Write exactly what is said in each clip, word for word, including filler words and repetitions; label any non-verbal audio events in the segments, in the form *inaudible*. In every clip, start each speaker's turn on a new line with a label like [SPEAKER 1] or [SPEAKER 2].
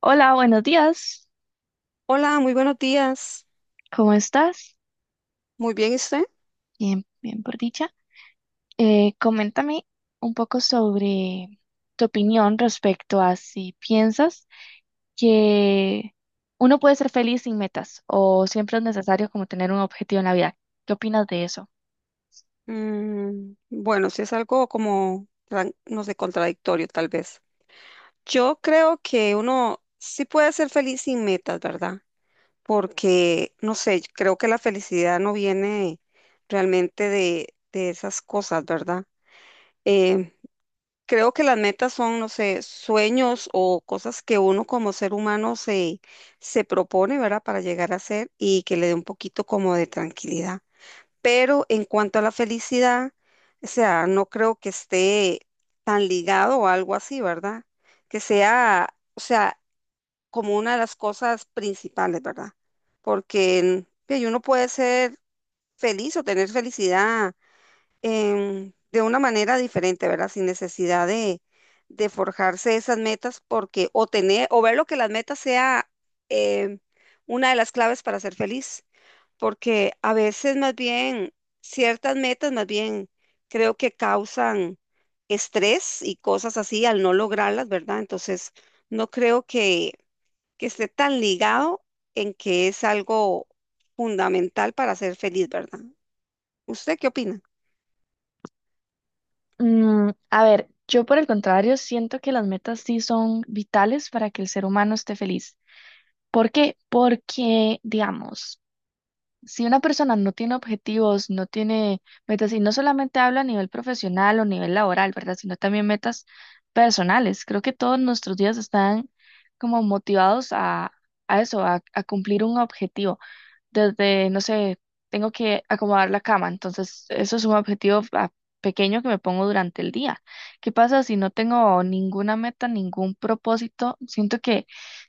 [SPEAKER 1] Hola, buenos días.
[SPEAKER 2] Hola, muy buenos días.
[SPEAKER 1] ¿Cómo estás?
[SPEAKER 2] Muy bien, ¿y usted?
[SPEAKER 1] Bien, bien por dicha. Eh, coméntame un poco sobre tu opinión respecto a si piensas que uno puede ser feliz sin metas o siempre es necesario como tener un objetivo en la vida. ¿Qué opinas de eso?
[SPEAKER 2] Mm, bueno, si es algo como, tran- no sé, contradictorio tal vez. Yo creo que uno sí puede ser feliz sin metas, ¿verdad? Porque, no sé, yo creo que la felicidad no viene realmente de, de esas cosas, ¿verdad? Eh, Creo que las metas son, no sé, sueños o cosas que uno como ser humano se, se propone, ¿verdad? Para llegar a ser y que le dé un poquito como de tranquilidad. Pero en cuanto a la felicidad, o sea, no creo que esté tan ligado o algo así, ¿verdad? Que sea, o sea, como una de las cosas principales, ¿verdad? Porque en- que uno puede ser feliz o tener felicidad em, de una manera diferente, ¿verdad? Sin necesidad de, de forjarse esas metas, porque o tener, o ver lo que las metas sea em, una de las claves para ser feliz, porque a veces más bien ciertas metas más bien creo que causan estrés y cosas así al no lograrlas, ¿verdad? Entonces, no creo que, que esté tan ligado en que es algo fundamental para ser feliz, ¿verdad? ¿Usted qué opina?
[SPEAKER 1] Mm, a ver, yo por el contrario siento que las metas sí son vitales para que el ser humano esté feliz. ¿Por qué? Porque, digamos, si una persona no tiene objetivos, no tiene metas, y no solamente hablo a nivel profesional o nivel laboral, ¿verdad? Sino también metas personales. Creo que todos nuestros días están como motivados a, a eso, a, a cumplir un objetivo. Desde, no sé, tengo que acomodar la cama, entonces eso es un objetivo a- pequeño que me pongo durante el día. ¿Qué pasa si no tengo ninguna meta, ningún propósito? Siento que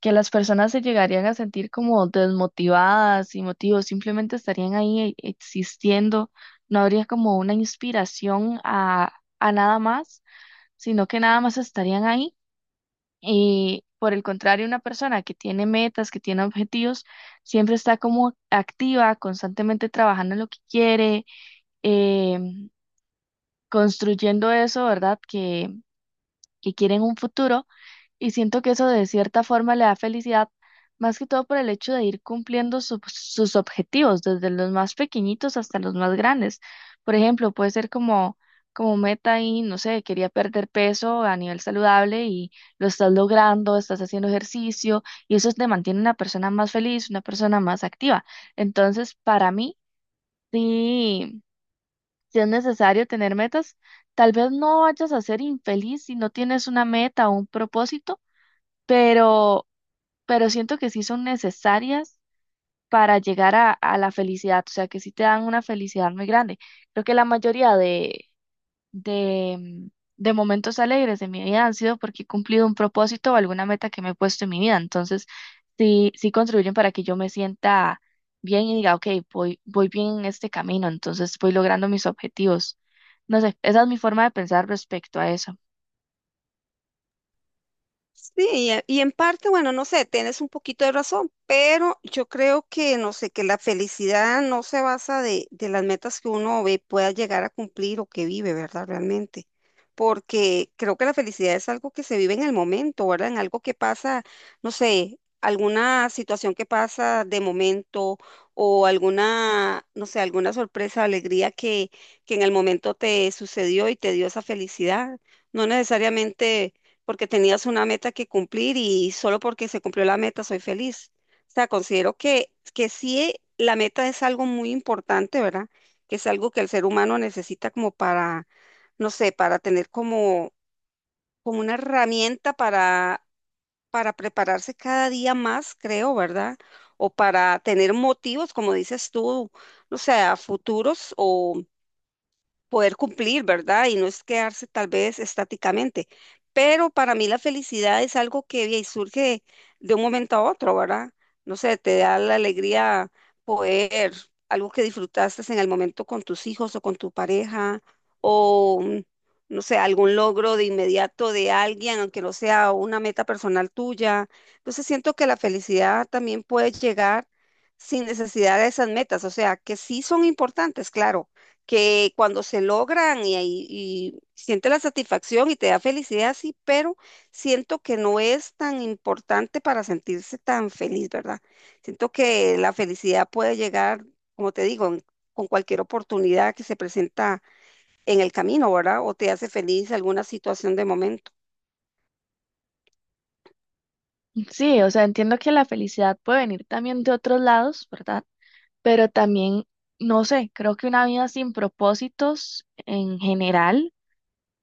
[SPEAKER 1] que las personas se llegarían a sentir como desmotivadas y motivos, simplemente estarían ahí e- existiendo, no habría como una inspiración a, a nada más, sino que nada más estarían ahí. Y por el contrario, una persona que tiene metas, que tiene objetivos, siempre está como activa, constantemente trabajando en lo que quiere, em, construyendo eso, ¿verdad? Que, que quiere en un futuro. Y siento que eso de cierta forma le da felicidad, más que todo por el hecho de ir cumpliendo sus sus objetivos, desde los más pequeñitos hasta los más grandes. Por ejemplo, puede ser como, como meta y, no sé, quería perder peso a nivel saludable y lo estás logrando, estás haciendo ejercicio y eso te mantiene una persona más feliz, una persona más activa. Entonces, para mí, sí, sí es necesario tener metas. Tal vez no vayas a ser infeliz si no tienes una meta o un propósito, pero pero siento que sí son necesarias para llegar a, a la felicidad, o sea, que sí te dan una felicidad muy grande. Creo que la mayoría de, de, mm, de momentos alegres de mi vida han sido porque he cumplido un propósito o alguna meta que me he puesto en mi vida, entonces sí, sí contribuyen para que yo me sienta bien y diga, ok, voy, voy bien en este camino, entonces voy logrando mis objetivos. No sé, esa es mi forma de pensar respecto a eso.
[SPEAKER 2] Sí, y e- y en parte, bueno, no sé, tienes un poquito de razón, pero yo creo que, no sé, que la felicidad no se basa de, de las metas que uno ve, pueda llegar a cumplir o que vive, ¿verdad? Realmente. Porque creo que la felicidad es algo que se vive en el momento, ¿verdad? En algo que pasa, no sé, alguna situación que pasa de momento o alguna, no sé, alguna sorpresa, alegría que, que en el momento te sucedió y te dio esa felicidad. No necesariamente porque tenías una meta que cumplir y solo porque se cumplió la meta soy feliz. O sea, considero que, que sí la meta es algo muy importante, ¿verdad? Que es algo que el ser humano necesita como para, no sé, para tener como, como una herramienta para, para prepararse cada día más, creo, ¿verdad? O para tener motivos, como dices tú, no sé, a futuros o poder cumplir, ¿verdad? Y no es quedarse tal vez estáticamente. Pero para mí la felicidad es algo que y surge de un momento a otro, ¿verdad? No sé, te da la alegría poder, algo que disfrutaste en el momento con tus hijos o con tu pareja, o mm, no sé, algún logro de inmediato de alguien, aunque no sea una meta personal tuya. Entonces siento que la felicidad también puede llegar sin necesidad de esas metas, o sea, que sí son importantes, claro que cuando se logran y, ahí- y siente la satisfacción y te da felicidad, sí, pero siento que no es tan importante para sentirse tan feliz, ¿verdad? Siento que la felicidad puede llegar, como te digo, en- con cualquier oportunidad que se presenta en el camino, ¿verdad? O te hace feliz alguna situación de momento.
[SPEAKER 1] Sí, o sea, entiendo que la felicidad puede venir también de otros lados, ¿verdad? Pero también, no sé, creo que una vida sin propósitos en general,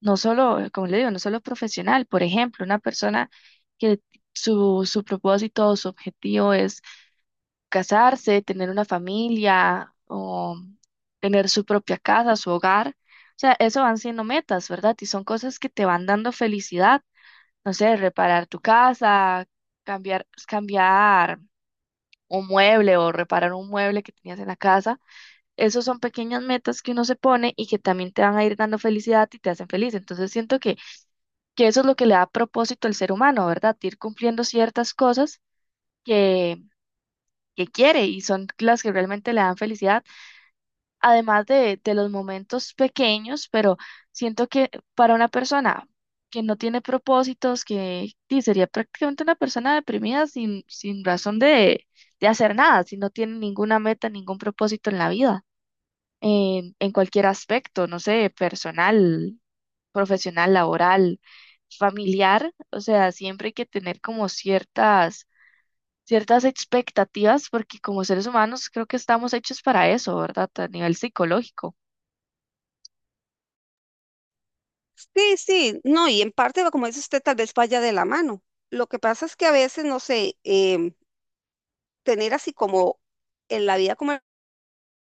[SPEAKER 1] no solo, eh, como le digo, no solo profesional, por ejemplo, una persona que su, su propósito o su objetivo es casarse, tener una familia o tener su propia casa, su hogar, o sea, eso van siendo metas, ¿verdad? Y son cosas que te van dando felicidad, no sé, reparar tu casa, cambiar, cambiar un mueble o reparar un mueble que tenías en la casa. Esos son pequeñas metas que uno se pone y que también te van a ir dando felicidad y te hacen feliz. Entonces siento que, que eso es lo que le da propósito al ser humano, ¿verdad? Ir cumpliendo ciertas cosas que, que quiere y son las que realmente le dan felicidad, además de, de los momentos pequeños, pero siento que para una persona que no tiene propósitos, que sí, sería prácticamente una persona deprimida sin, sin razón de, de hacer nada, si no tiene ninguna meta, ningún propósito en la vida. en, en cualquier aspecto, no sé, personal, profesional, laboral, familiar, o sea, siempre hay que tener como ciertas, ciertas expectativas, porque como seres humanos creo que estamos hechos para eso, ¿verdad? A nivel psicológico.
[SPEAKER 2] Sí, sí, no, y en parte, va, como dice usted, tal vez vaya de la mano. Lo que pasa es que a veces, no sé, em, tener así como en la vida como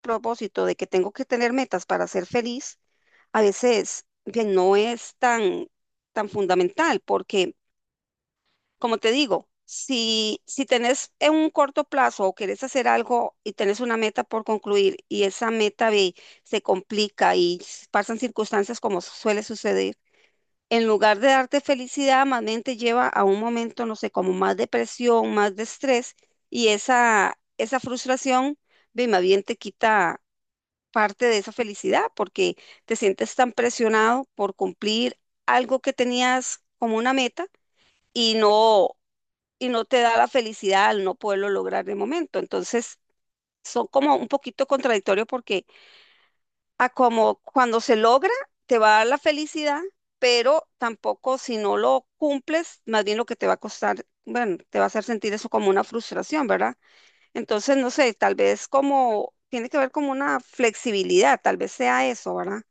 [SPEAKER 2] propósito de que tengo que tener metas para ser feliz, a veces bien, no es tan, tan fundamental, porque, como te digo, si, si tenés en un corto plazo o querés hacer algo y tenés una meta por concluir y esa meta ve, se complica y s- pasan circunstancias como suele suceder, en lugar de darte felicidad, más bien te lleva a un momento, no sé, como más depresión, más de estrés y esa, esa frustración, ve, más bien te quita parte de esa felicidad porque te sientes tan presionado por cumplir algo que tenías como una meta y no, y no te da la felicidad al no poderlo lograr de momento. Entonces, son como un poquito contradictorios porque a como cuando se logra, te va a dar la felicidad, pero tampoco si no lo cumples, más bien lo que te va a costar, bueno, te va a hacer sentir eso como una frustración, ¿verdad? Entonces, no sé, tal vez como tiene que ver como una flexibilidad, tal vez sea eso, ¿verdad?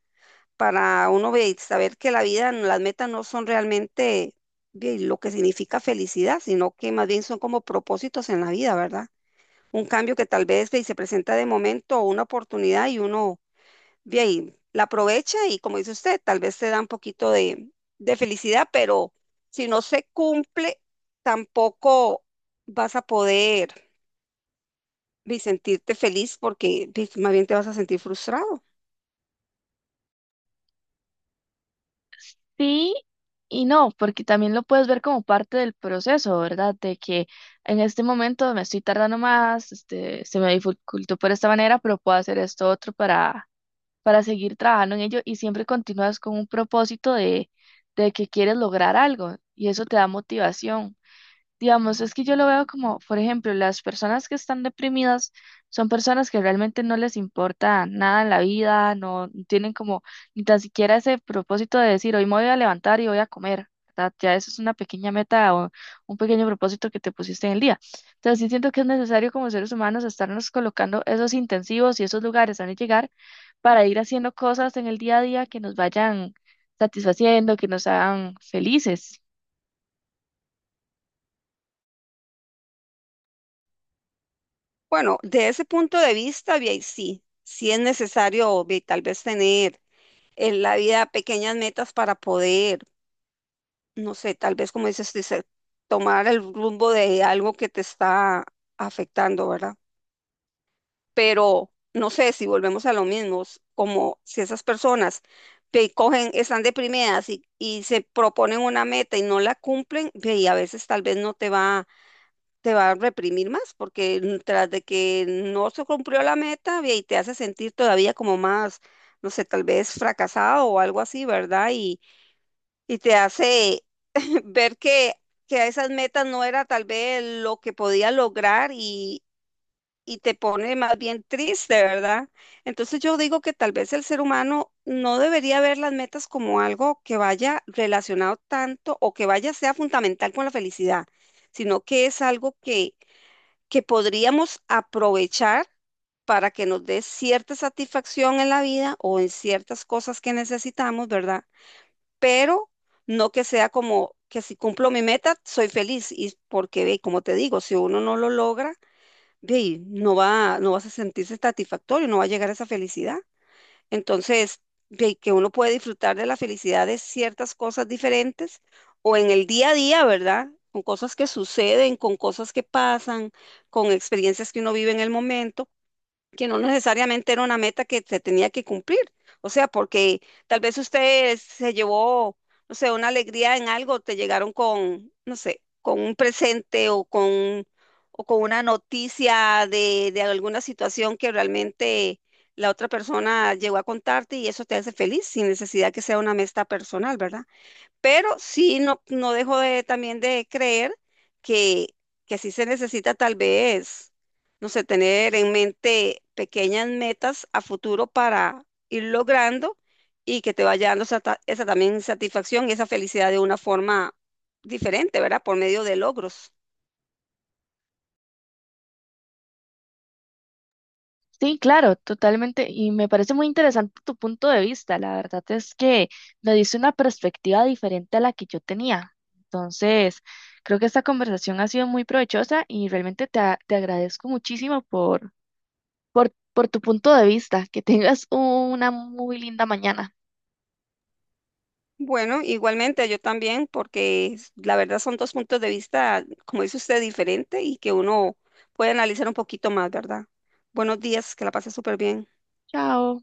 [SPEAKER 2] Para uno ve- saber que la vida, las metas no son realmente ve, lo que significa felicidad, sino que más bien son como propósitos en la vida, ¿verdad? Un cambio que tal vez ve, se presenta de momento o una oportunidad y uno ve ahí, la aprovecha y como dice usted, tal vez te da un poquito de, de felicidad, pero si no se cumple, tampoco vas a poder ve, sentirte feliz porque ve, más bien te vas a sentir frustrado.
[SPEAKER 1] Sí y no, porque también lo puedes ver como parte del proceso, ¿verdad? De que en este momento me estoy tardando más, este, se me dificultó por esta manera, pero puedo hacer esto otro para para seguir trabajando en ello y siempre continúas con un propósito de, de que quieres lograr algo y eso te da motivación. Digamos, es que yo lo veo como, por ejemplo, las personas que están deprimidas son personas que realmente no les importa nada en la vida, no no tienen como ni tan siquiera ese propósito de decir, hoy me voy a levantar y voy a comer, ¿verdad? Ya eso es una pequeña meta o un pequeño propósito que te pusiste en el día. Entonces, sí siento que es necesario como seres humanos estarnos colocando esos intensivos y esos lugares donde llegar para ir haciendo cosas en el día a día que nos vayan satisfaciendo, que nos hagan felices.
[SPEAKER 2] Bueno, de ese punto de vista, vi ahí sí, sí es necesario vi, tal vez tener en la vida pequeñas metas para poder, no sé, tal vez como dices, dice, tomar el rumbo de algo que te está afectando, ¿verdad? Pero no sé si volvemos a lo mismo, s- como si esas personas que cogen, están deprimidas y, y se proponen una meta y no la cumplen, ve, y a veces tal vez no te va te va a reprimir más, porque tras de que no se cumplió la meta, ve, y te hace sentir todavía como más, no sé, tal vez fracasado o algo así, ¿verdad? Y, y te hace *clears throat* *laughs* ver que, que esas metas no era tal vez lo que podía lograr y, y te pone más bien triste, ¿verdad? Entonces yo digo que tal vez el ser humano no debería ver las metas como algo que vaya relacionado tanto o que vaya sea fundamental con la felicidad, sino que es algo que que podríamos aprovechar para que nos dé cierta satisfacción en la vida o en ciertas cosas que necesitamos, ¿verdad? Pero no que sea como que si cumplo mi meta, soy feliz. Y porque, ve, como te digo, si uno no lo logra, ve, no va, no vas a sentirse satisfactorio, no va a llegar a esa felicidad. Entonces, de que uno puede disfrutar de la felicidad de ciertas cosas diferentes o en el día a día, ¿verdad? Con cosas que suceden, con cosas que pasan, con experiencias que uno vive en el momento que no necesariamente era una meta que se tenía que cumplir. O sea, porque tal vez usted se llevó, no sé, una alegría en algo, te llegaron con, no sé, con un presente o con, o con una noticia de, de alguna situación que realmente la otra persona llegó a contarte y eso te hace feliz sin necesidad que sea una meta personal, ¿verdad? Pero sí no, no dejo de, también de creer que, que sí se necesita tal vez, no sé, tener en mente pequeñas metas a futuro para ir logrando y que te vaya dando sata- esa también satisfacción y esa felicidad de una forma diferente, ¿verdad? Por medio de logros.
[SPEAKER 1] Sí, claro, totalmente. Y me parece muy interesante tu punto de vista. La verdad es que me dice una perspectiva diferente a la que yo tenía. Entonces, creo que esta conversación ha sido muy provechosa y realmente te, a- te agradezco muchísimo por, por, por tu punto de vista. Que tengas una muy linda mañana.
[SPEAKER 2] Bueno, igualmente yo también, porque s- la verdad son dos puntos de vista, como dice usted, diferente y que uno puede analizar un poquito más, ¿verdad? Buenos días, que la pase súper bien.
[SPEAKER 1] Chao.